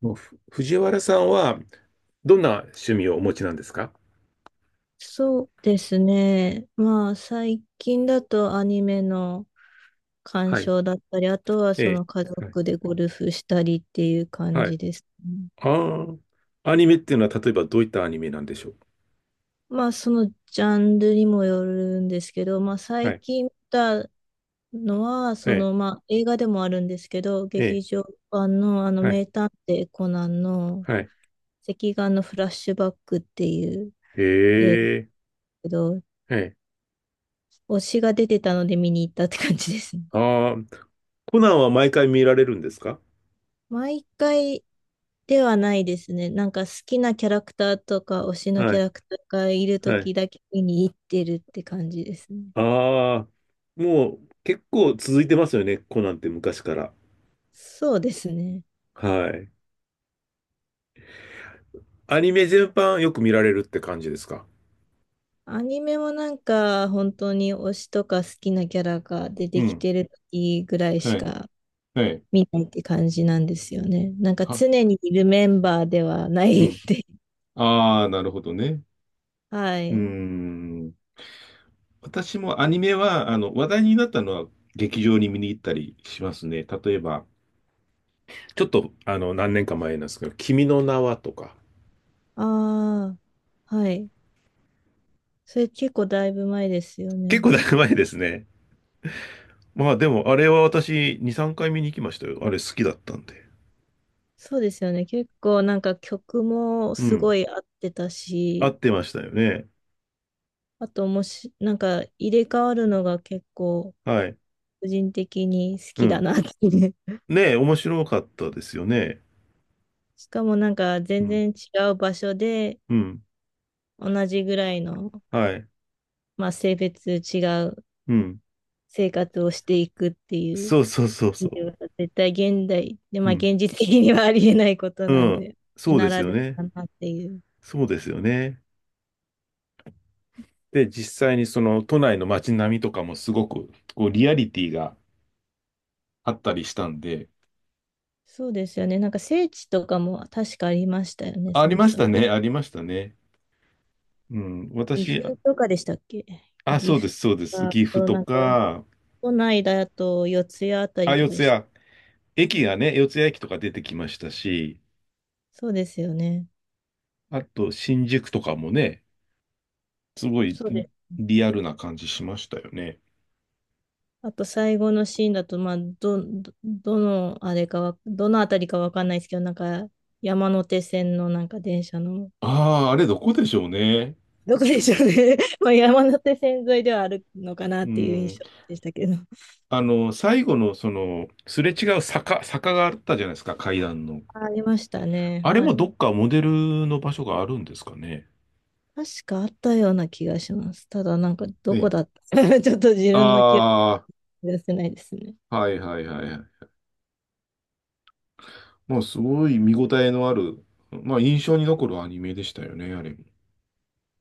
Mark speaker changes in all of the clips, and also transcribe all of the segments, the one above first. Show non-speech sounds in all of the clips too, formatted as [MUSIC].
Speaker 1: もうふ藤原さんはどんな趣味をお持ちなんですか？
Speaker 2: そうですね。最近だとアニメの鑑
Speaker 1: はい。
Speaker 2: 賞だったり、あとは
Speaker 1: え
Speaker 2: 家
Speaker 1: え。はい。
Speaker 2: 族でゴルフしたりっていう感
Speaker 1: は
Speaker 2: じ
Speaker 1: い。
Speaker 2: ですね。
Speaker 1: ああ、アニメっていうのは例えばどういったアニメなんでしょう？
Speaker 2: まあ、そのジャンルにもよるんですけど、
Speaker 1: は
Speaker 2: 最
Speaker 1: い、
Speaker 2: 近見たのは、
Speaker 1: ええ、
Speaker 2: 映画でもあるんですけど、
Speaker 1: え
Speaker 2: 劇
Speaker 1: え、
Speaker 2: 場版の
Speaker 1: はい。
Speaker 2: 名探偵コナンの
Speaker 1: はい。
Speaker 2: 隻眼のフラッシュバックっていう
Speaker 1: え
Speaker 2: 映画だ
Speaker 1: え、
Speaker 2: けど、
Speaker 1: はい。
Speaker 2: 推しが出てたので見に行ったって感じですね。
Speaker 1: ああ、コナンは毎回見られるんですか？
Speaker 2: 毎回ではないですね。なんか好きなキャラクターとか推しのキ
Speaker 1: は
Speaker 2: ャ
Speaker 1: い。
Speaker 2: ラクターがいる
Speaker 1: は
Speaker 2: 時
Speaker 1: い。
Speaker 2: だけ見に行ってるって感じですね。
Speaker 1: ああ、もう結構続いてますよね、コナンって昔から。
Speaker 2: そうですね。
Speaker 1: はい。アニメ全般よく見られるって感じですか？
Speaker 2: アニメもなんか本当に推しとか好きなキャラが出
Speaker 1: う
Speaker 2: てき
Speaker 1: ん、
Speaker 2: てる時ぐらい
Speaker 1: は
Speaker 2: し
Speaker 1: い、
Speaker 2: か
Speaker 1: はい、
Speaker 2: 見ないって感じなんですよね。なんか
Speaker 1: は、
Speaker 2: 常にいるメンバーではな
Speaker 1: う
Speaker 2: いん
Speaker 1: ん。
Speaker 2: で。[LAUGHS]
Speaker 1: ああ、なるほどね。
Speaker 2: は
Speaker 1: うー
Speaker 2: い。
Speaker 1: ん。私もアニメは、話題になったのは劇場に見に行ったりしますね。例えば、ちょっと、何年か前なんですけど、君の名はとか。
Speaker 2: ああ、はい。それ結構だいぶ前ですよ
Speaker 1: 結
Speaker 2: ね。
Speaker 1: 構だいぶ前ですね。まあでも、あれは私、2、3回見に行きましたよ。あれ好きだったんで。
Speaker 2: そうですよね。結構なんか曲も
Speaker 1: う
Speaker 2: す
Speaker 1: ん。
Speaker 2: ごい合ってた
Speaker 1: 合
Speaker 2: し、
Speaker 1: ってましたよね。
Speaker 2: あともし、なんか入れ替わるのが結構
Speaker 1: はい。
Speaker 2: 個人的に好
Speaker 1: う
Speaker 2: きだ
Speaker 1: ん。
Speaker 2: なっていう。
Speaker 1: ねえ、面白かったですよね。
Speaker 2: [LAUGHS] しかもなんか
Speaker 1: う
Speaker 2: 全
Speaker 1: ん。
Speaker 2: 然違う場所で
Speaker 1: うん。
Speaker 2: 同じぐらいの、
Speaker 1: はい。
Speaker 2: まあ、性別違う
Speaker 1: うん。
Speaker 2: 生活をしていくっていう
Speaker 1: そうそうそうそ
Speaker 2: のは絶対現代で、
Speaker 1: う。
Speaker 2: ま
Speaker 1: う
Speaker 2: あ
Speaker 1: ん。
Speaker 2: 現実的にはありえないこと
Speaker 1: う
Speaker 2: なん
Speaker 1: ん。
Speaker 2: で、
Speaker 1: そう
Speaker 2: な
Speaker 1: です
Speaker 2: ら
Speaker 1: よ
Speaker 2: で
Speaker 1: ね。
Speaker 2: はだなっていう。
Speaker 1: そうですよね。で、実際にその都内の街並みとかもすごくこうリアリティがあったりしたんで、
Speaker 2: そうですよね。なんか聖地とかも確かありましたよね、
Speaker 1: あ、あ
Speaker 2: そ
Speaker 1: り
Speaker 2: の
Speaker 1: まし
Speaker 2: さ。
Speaker 1: たね、ありましたね。うん、
Speaker 2: 岐
Speaker 1: 私、あ、
Speaker 2: 阜とかでしたっけ。
Speaker 1: あ、
Speaker 2: 岐
Speaker 1: そうで
Speaker 2: 阜
Speaker 1: す、そうです。
Speaker 2: と
Speaker 1: 岐阜
Speaker 2: か、
Speaker 1: と
Speaker 2: なんか
Speaker 1: か、
Speaker 2: 都内だと四谷あた
Speaker 1: あ、
Speaker 2: りと
Speaker 1: 四
Speaker 2: かでした。
Speaker 1: 谷、駅がね、四谷駅とか出てきましたし、
Speaker 2: そうですよね。
Speaker 1: あと新宿とかもね、すごい
Speaker 2: そうです。
Speaker 1: リアルな感じしましたよね。
Speaker 2: あと最後のシーンだと、まあ、どのあれかわ、どのあたりかわかんないですけど、なんか山手線のなんか電車の、
Speaker 1: ああ、あれどこでしょうね。
Speaker 2: [LAUGHS] どこでしょうね。[LAUGHS] まあ山手線沿いではあるのかなっ
Speaker 1: う
Speaker 2: ていう
Speaker 1: ん。
Speaker 2: 印象でしたけど。[LAUGHS]
Speaker 1: 最後のその、すれ違う坂があったじゃないですか、階段の。
Speaker 2: あありましたね。
Speaker 1: あれ
Speaker 2: は
Speaker 1: もど
Speaker 2: い。
Speaker 1: っかモデルの場所があるんですかね。
Speaker 2: 確かあったような気がします。ただなんか
Speaker 1: え
Speaker 2: どこ
Speaker 1: え。
Speaker 2: だった [LAUGHS] ちょっと自分の記憶
Speaker 1: あ
Speaker 2: が出せないですね。
Speaker 1: あ、はいはいはいはい。まあ、すごい見応えのある、まあ、印象に残るアニメでしたよね、あれも。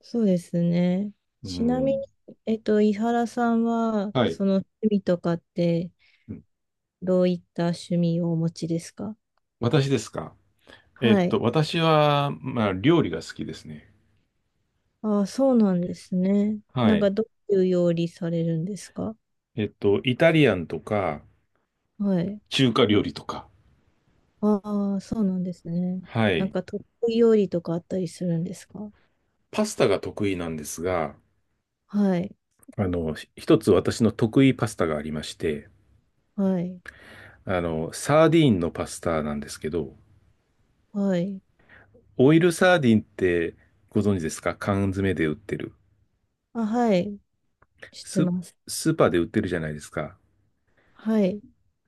Speaker 2: そうですね。
Speaker 1: う
Speaker 2: ちなみに、
Speaker 1: ん。
Speaker 2: 井原さんは、
Speaker 1: はい。
Speaker 2: その趣味とかって、
Speaker 1: うん。
Speaker 2: どういった趣味をお持ちですか？
Speaker 1: 私ですか？
Speaker 2: はい。
Speaker 1: 私は、まあ、料理が好きですね。
Speaker 2: ああ、そうなんですね。
Speaker 1: は
Speaker 2: なんか、
Speaker 1: い。
Speaker 2: どういう料理されるんですか？
Speaker 1: イタリアンとか、
Speaker 2: はい。
Speaker 1: 中華料理とか。
Speaker 2: ああ、そうなんですね。
Speaker 1: は
Speaker 2: なん
Speaker 1: い。
Speaker 2: か、得意料理とかあったりするんですか？
Speaker 1: パスタが得意なんですが、
Speaker 2: はい。
Speaker 1: 一つ私の得意パスタがありまして、
Speaker 2: はい。
Speaker 1: サーディーンのパスタなんですけど、
Speaker 2: はい。
Speaker 1: オイルサーディンってご存知ですか？缶詰で売ってる。
Speaker 2: あ、はい。知って
Speaker 1: ス、
Speaker 2: ます。
Speaker 1: スーパーで売ってるじゃないですか。で、
Speaker 2: はい。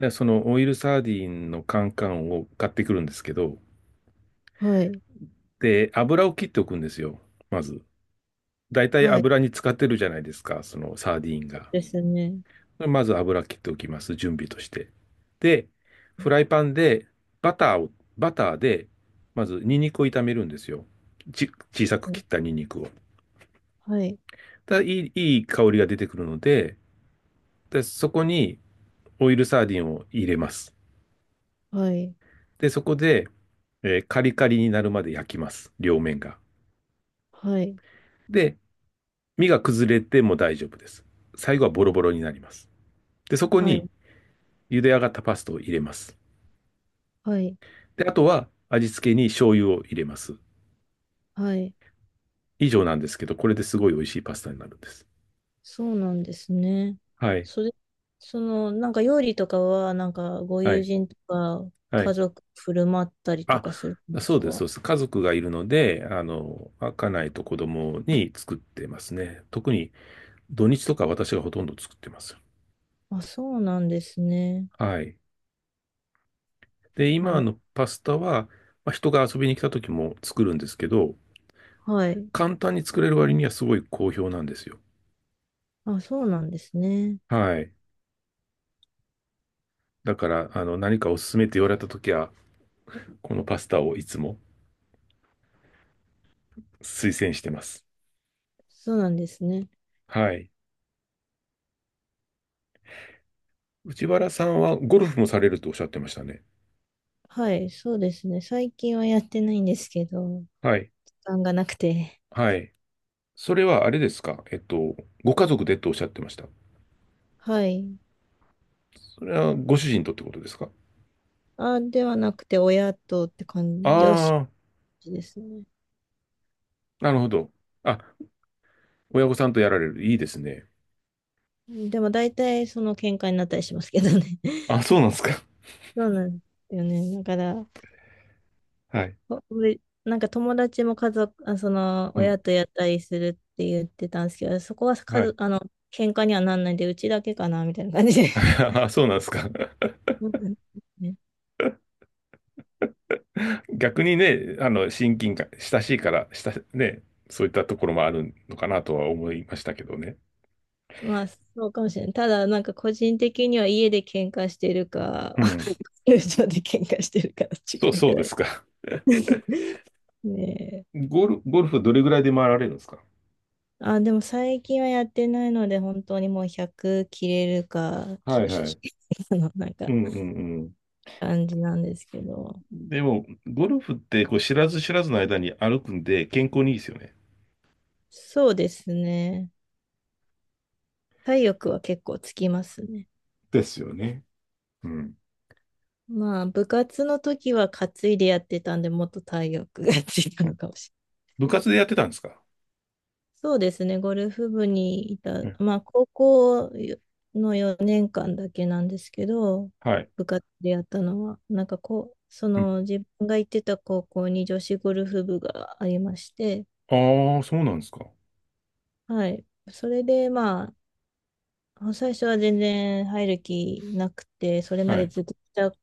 Speaker 1: そのオイルサーディンの缶を買ってくるんですけど、
Speaker 2: はい。
Speaker 1: で、油を切っておくんですよ。まず。だいたい
Speaker 2: はい。そ
Speaker 1: 油に使ってるじゃないですか。そのサーディン
Speaker 2: う
Speaker 1: が。
Speaker 2: ですね。
Speaker 1: まず油切っておきます。準備として。で、フライパンでバターを、バターで、まずニンニクを炒めるんですよ。ち、小さく
Speaker 2: は
Speaker 1: 切
Speaker 2: い。
Speaker 1: ったニンニクを。
Speaker 2: はい。
Speaker 1: ただ、いい香りが出てくるので、で、そこに、オイルサーディンを入れます。
Speaker 2: はい。
Speaker 1: で、そこで、カリカリになるまで焼きます。両面が。
Speaker 2: はい。
Speaker 1: で、身が崩れても大丈夫です。最後はボロボロになります。で、そこ
Speaker 2: は
Speaker 1: に
Speaker 2: い。
Speaker 1: 茹で上がったパスタを入れます。
Speaker 2: はい。
Speaker 1: で、あとは味付けに醤油を入れます。
Speaker 2: はい。
Speaker 1: 以上なんですけど、これですごい美味しいパスタになるんです。
Speaker 2: そうなんですね。
Speaker 1: はい、
Speaker 2: それ、その、なんか料理とかは、なんかご
Speaker 1: は
Speaker 2: 友
Speaker 1: い、
Speaker 2: 人とか
Speaker 1: は
Speaker 2: 家
Speaker 1: い。
Speaker 2: 族振る舞ったりと
Speaker 1: あ、
Speaker 2: かするんで
Speaker 1: そ
Speaker 2: す
Speaker 1: うです、
Speaker 2: か？
Speaker 1: そうです。家族がいるので、家内と子供に作ってますね。特に土日とか私がほとんど作ってます。
Speaker 2: あ、そうなんですね。
Speaker 1: はい。で、
Speaker 2: な
Speaker 1: 今
Speaker 2: る、
Speaker 1: のパスタは、まあ、人が遊びに来た時も作るんですけど、
Speaker 2: はい。
Speaker 1: 簡単に作れる割にはすごい好評なんですよ。
Speaker 2: あ、そうなんですね。
Speaker 1: はい。だから、何かおすすめって言われた時は、このパスタをいつも推薦してます。
Speaker 2: そうなんですね。
Speaker 1: はい。内原さんはゴルフもされるとおっしゃってましたね。
Speaker 2: はい、そうですね。最近はやってないんですけど、
Speaker 1: はい。
Speaker 2: 時間がなくて。
Speaker 1: はい。それはあれですか？ご家族でとおっしゃってました。
Speaker 2: [LAUGHS] はい。
Speaker 1: それはご主人とってことですか？
Speaker 2: あ、ではなくて、親とって感じ、両親
Speaker 1: ああ
Speaker 2: ですね。
Speaker 1: ー、なるほど。あ、親御さんとやられる。いいですね。
Speaker 2: でも大体その喧嘩になったりしますけどね。
Speaker 1: あ、そうなんですか。
Speaker 2: そうなんですよね。だから、
Speaker 1: はい。
Speaker 2: 俺なんか友達も家族、あ、その、
Speaker 1: う
Speaker 2: 親
Speaker 1: ん。
Speaker 2: とやったりするって言ってたんですけど、そこは家
Speaker 1: は
Speaker 2: 族、
Speaker 1: い。
Speaker 2: あの、喧嘩にはなんないんで、うちだけかな、みたいな感じで。
Speaker 1: [LAUGHS] あ、そうなんですか。[LAUGHS]
Speaker 2: そうなんですね。
Speaker 1: 逆にね、親近感、親しいから、ね、そういったところもあるのかなとは思いましたけどね。
Speaker 2: まあ、そうかもしれない。ただ、なんか個人的には家で喧嘩してるか、
Speaker 1: うん。
Speaker 2: [LAUGHS] 友情で喧嘩してるか、
Speaker 1: そ
Speaker 2: 近
Speaker 1: う、
Speaker 2: いく
Speaker 1: そうで
Speaker 2: らい。
Speaker 1: すか。[LAUGHS]
Speaker 2: [LAUGHS] ねえ。
Speaker 1: ゴルフどれぐらいで回られるんですか？
Speaker 2: あ、でも最近はやってないので、本当にもう100切れるか、
Speaker 1: は
Speaker 2: き
Speaker 1: いはい。
Speaker 2: [LAUGHS] あの、なん
Speaker 1: う
Speaker 2: か、
Speaker 1: んうんうん。
Speaker 2: 感じなんですけど。
Speaker 1: でも、ゴルフってこう知らず知らずの間に歩くんで健康にいいですよね。
Speaker 2: そうですね。体力は結構つきますね。
Speaker 1: ですよね。うん。
Speaker 2: まあ、部活の時は担いでやってたんで、もっと体力がついた
Speaker 1: うん。
Speaker 2: のかもしれないです
Speaker 1: 部
Speaker 2: けど。
Speaker 1: 活でやってたんですか？
Speaker 2: そうですね、ゴルフ部にいた、
Speaker 1: え。
Speaker 2: まあ、高校の4年間だけなんですけど、
Speaker 1: はい。
Speaker 2: 部活でやったのは、なんかこう、そ
Speaker 1: うん。
Speaker 2: の自分が行ってた高校に女子ゴルフ部がありまして、
Speaker 1: ああ、そうなんですか。
Speaker 2: はい。それで、まあ、あ最初は全然入る気なくて、それま
Speaker 1: は
Speaker 2: で
Speaker 1: い。
Speaker 2: ずっと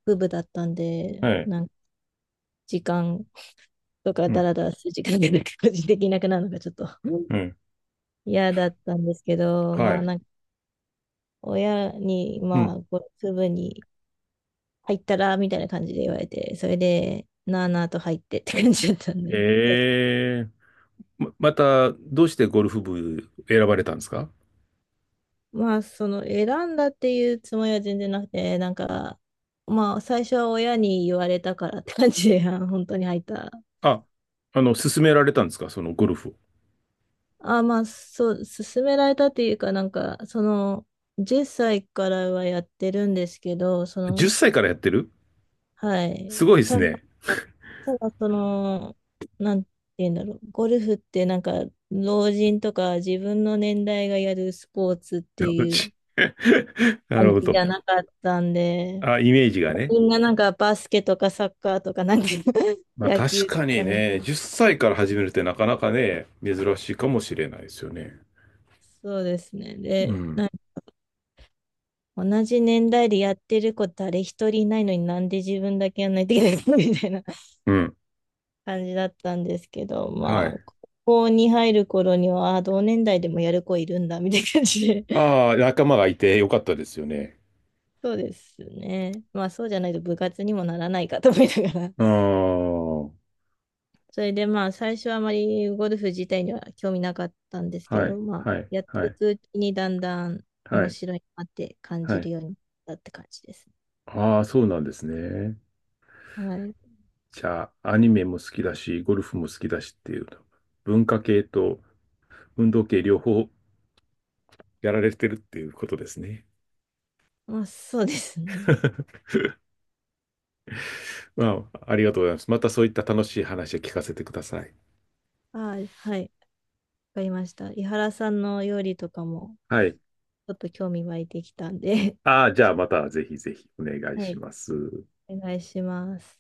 Speaker 2: 帰部だったんで、
Speaker 1: はい。
Speaker 2: なんか時間とか
Speaker 1: う
Speaker 2: ダ
Speaker 1: ん。
Speaker 2: ラダラする時間がなく個人的になくなるのがちょっとうん
Speaker 1: うん。
Speaker 2: 嫌だったんですけど、
Speaker 1: は
Speaker 2: まあ
Speaker 1: い。
Speaker 2: なんか親に、
Speaker 1: う
Speaker 2: ま
Speaker 1: ん。
Speaker 2: あこう、部に入ったらみたいな感じで言われて、それでなあなあと入ってって感じだったんで。で、
Speaker 1: ええ。また、どうしてゴルフ部選ばれたんですか？
Speaker 2: まあその選んだっていうつもりは全然なくて、なんかまあ最初は親に言われたからって感じで、あの本当に入った。
Speaker 1: あ、勧められたんですか？そのゴルフを。
Speaker 2: あ、まあ、そう、勧められたっていうか、なんか、その、10歳からはやってるんですけど、そ
Speaker 1: 10
Speaker 2: の、
Speaker 1: 歳からやってる？
Speaker 2: はい。
Speaker 1: すごいですね。
Speaker 2: ただ、その、なんて言うんだろう。ゴルフってなんか、老人とか自分の年代がやるスポーツって
Speaker 1: う
Speaker 2: いう
Speaker 1: ち [LAUGHS] な
Speaker 2: 感
Speaker 1: る
Speaker 2: じ
Speaker 1: ほ
Speaker 2: じ
Speaker 1: ど。
Speaker 2: ゃなかったんで、
Speaker 1: あ、イメージがね。
Speaker 2: みんななんかバスケとかサッカーとかなんか [LAUGHS]
Speaker 1: まあ
Speaker 2: 野
Speaker 1: 確
Speaker 2: 球と
Speaker 1: かに
Speaker 2: かなん
Speaker 1: ね、
Speaker 2: か、
Speaker 1: 10歳から始めるってなかなかね、珍しいかもしれないですよね。
Speaker 2: そうですね。
Speaker 1: う
Speaker 2: で、
Speaker 1: ん。
Speaker 2: 同じ年代でやってる子誰一人いないのになんで自分だけやんないといけないのみたいな
Speaker 1: うん。
Speaker 2: 感じだったんですけど、
Speaker 1: は
Speaker 2: まあ、
Speaker 1: い。
Speaker 2: ここに入る頃には、あ同年代でもやる子いるんだ、みたいな感じで。[LAUGHS]
Speaker 1: ああ、仲間がいてよかったですよね。
Speaker 2: そうですね。まあ、そうじゃないと部活にもならないかと思いながら。
Speaker 1: あ
Speaker 2: [LAUGHS]
Speaker 1: あ、は
Speaker 2: それでまあ、最初はまあまりゴルフ自体には興味なかったんです
Speaker 1: い、
Speaker 2: け
Speaker 1: は
Speaker 2: ど、まあ、
Speaker 1: い、
Speaker 2: やっ
Speaker 1: は
Speaker 2: てい
Speaker 1: い、
Speaker 2: くうちにだんだん
Speaker 1: は
Speaker 2: 面
Speaker 1: い、
Speaker 2: 白いなって感
Speaker 1: は
Speaker 2: じ
Speaker 1: い。
Speaker 2: るようになったって感じですね。
Speaker 1: ああ、そうなんですね。
Speaker 2: はい。
Speaker 1: じゃあ、アニメも好きだし、ゴルフも好きだしっていう、文化系と運動系両方やられてるっていうことですね。
Speaker 2: まあ、そうですね。
Speaker 1: [LAUGHS] まあ、ありがとうございます。またそういった楽しい話を聞かせてください。
Speaker 2: あはい。かりました。井原さんの料理とかも、
Speaker 1: はい。
Speaker 2: ちょっと興味湧いてきたんで
Speaker 1: ああ、じゃ
Speaker 2: [LAUGHS]
Speaker 1: あまたぜひぜひお願い
Speaker 2: は
Speaker 1: し
Speaker 2: い、
Speaker 1: ます。
Speaker 2: お願いします。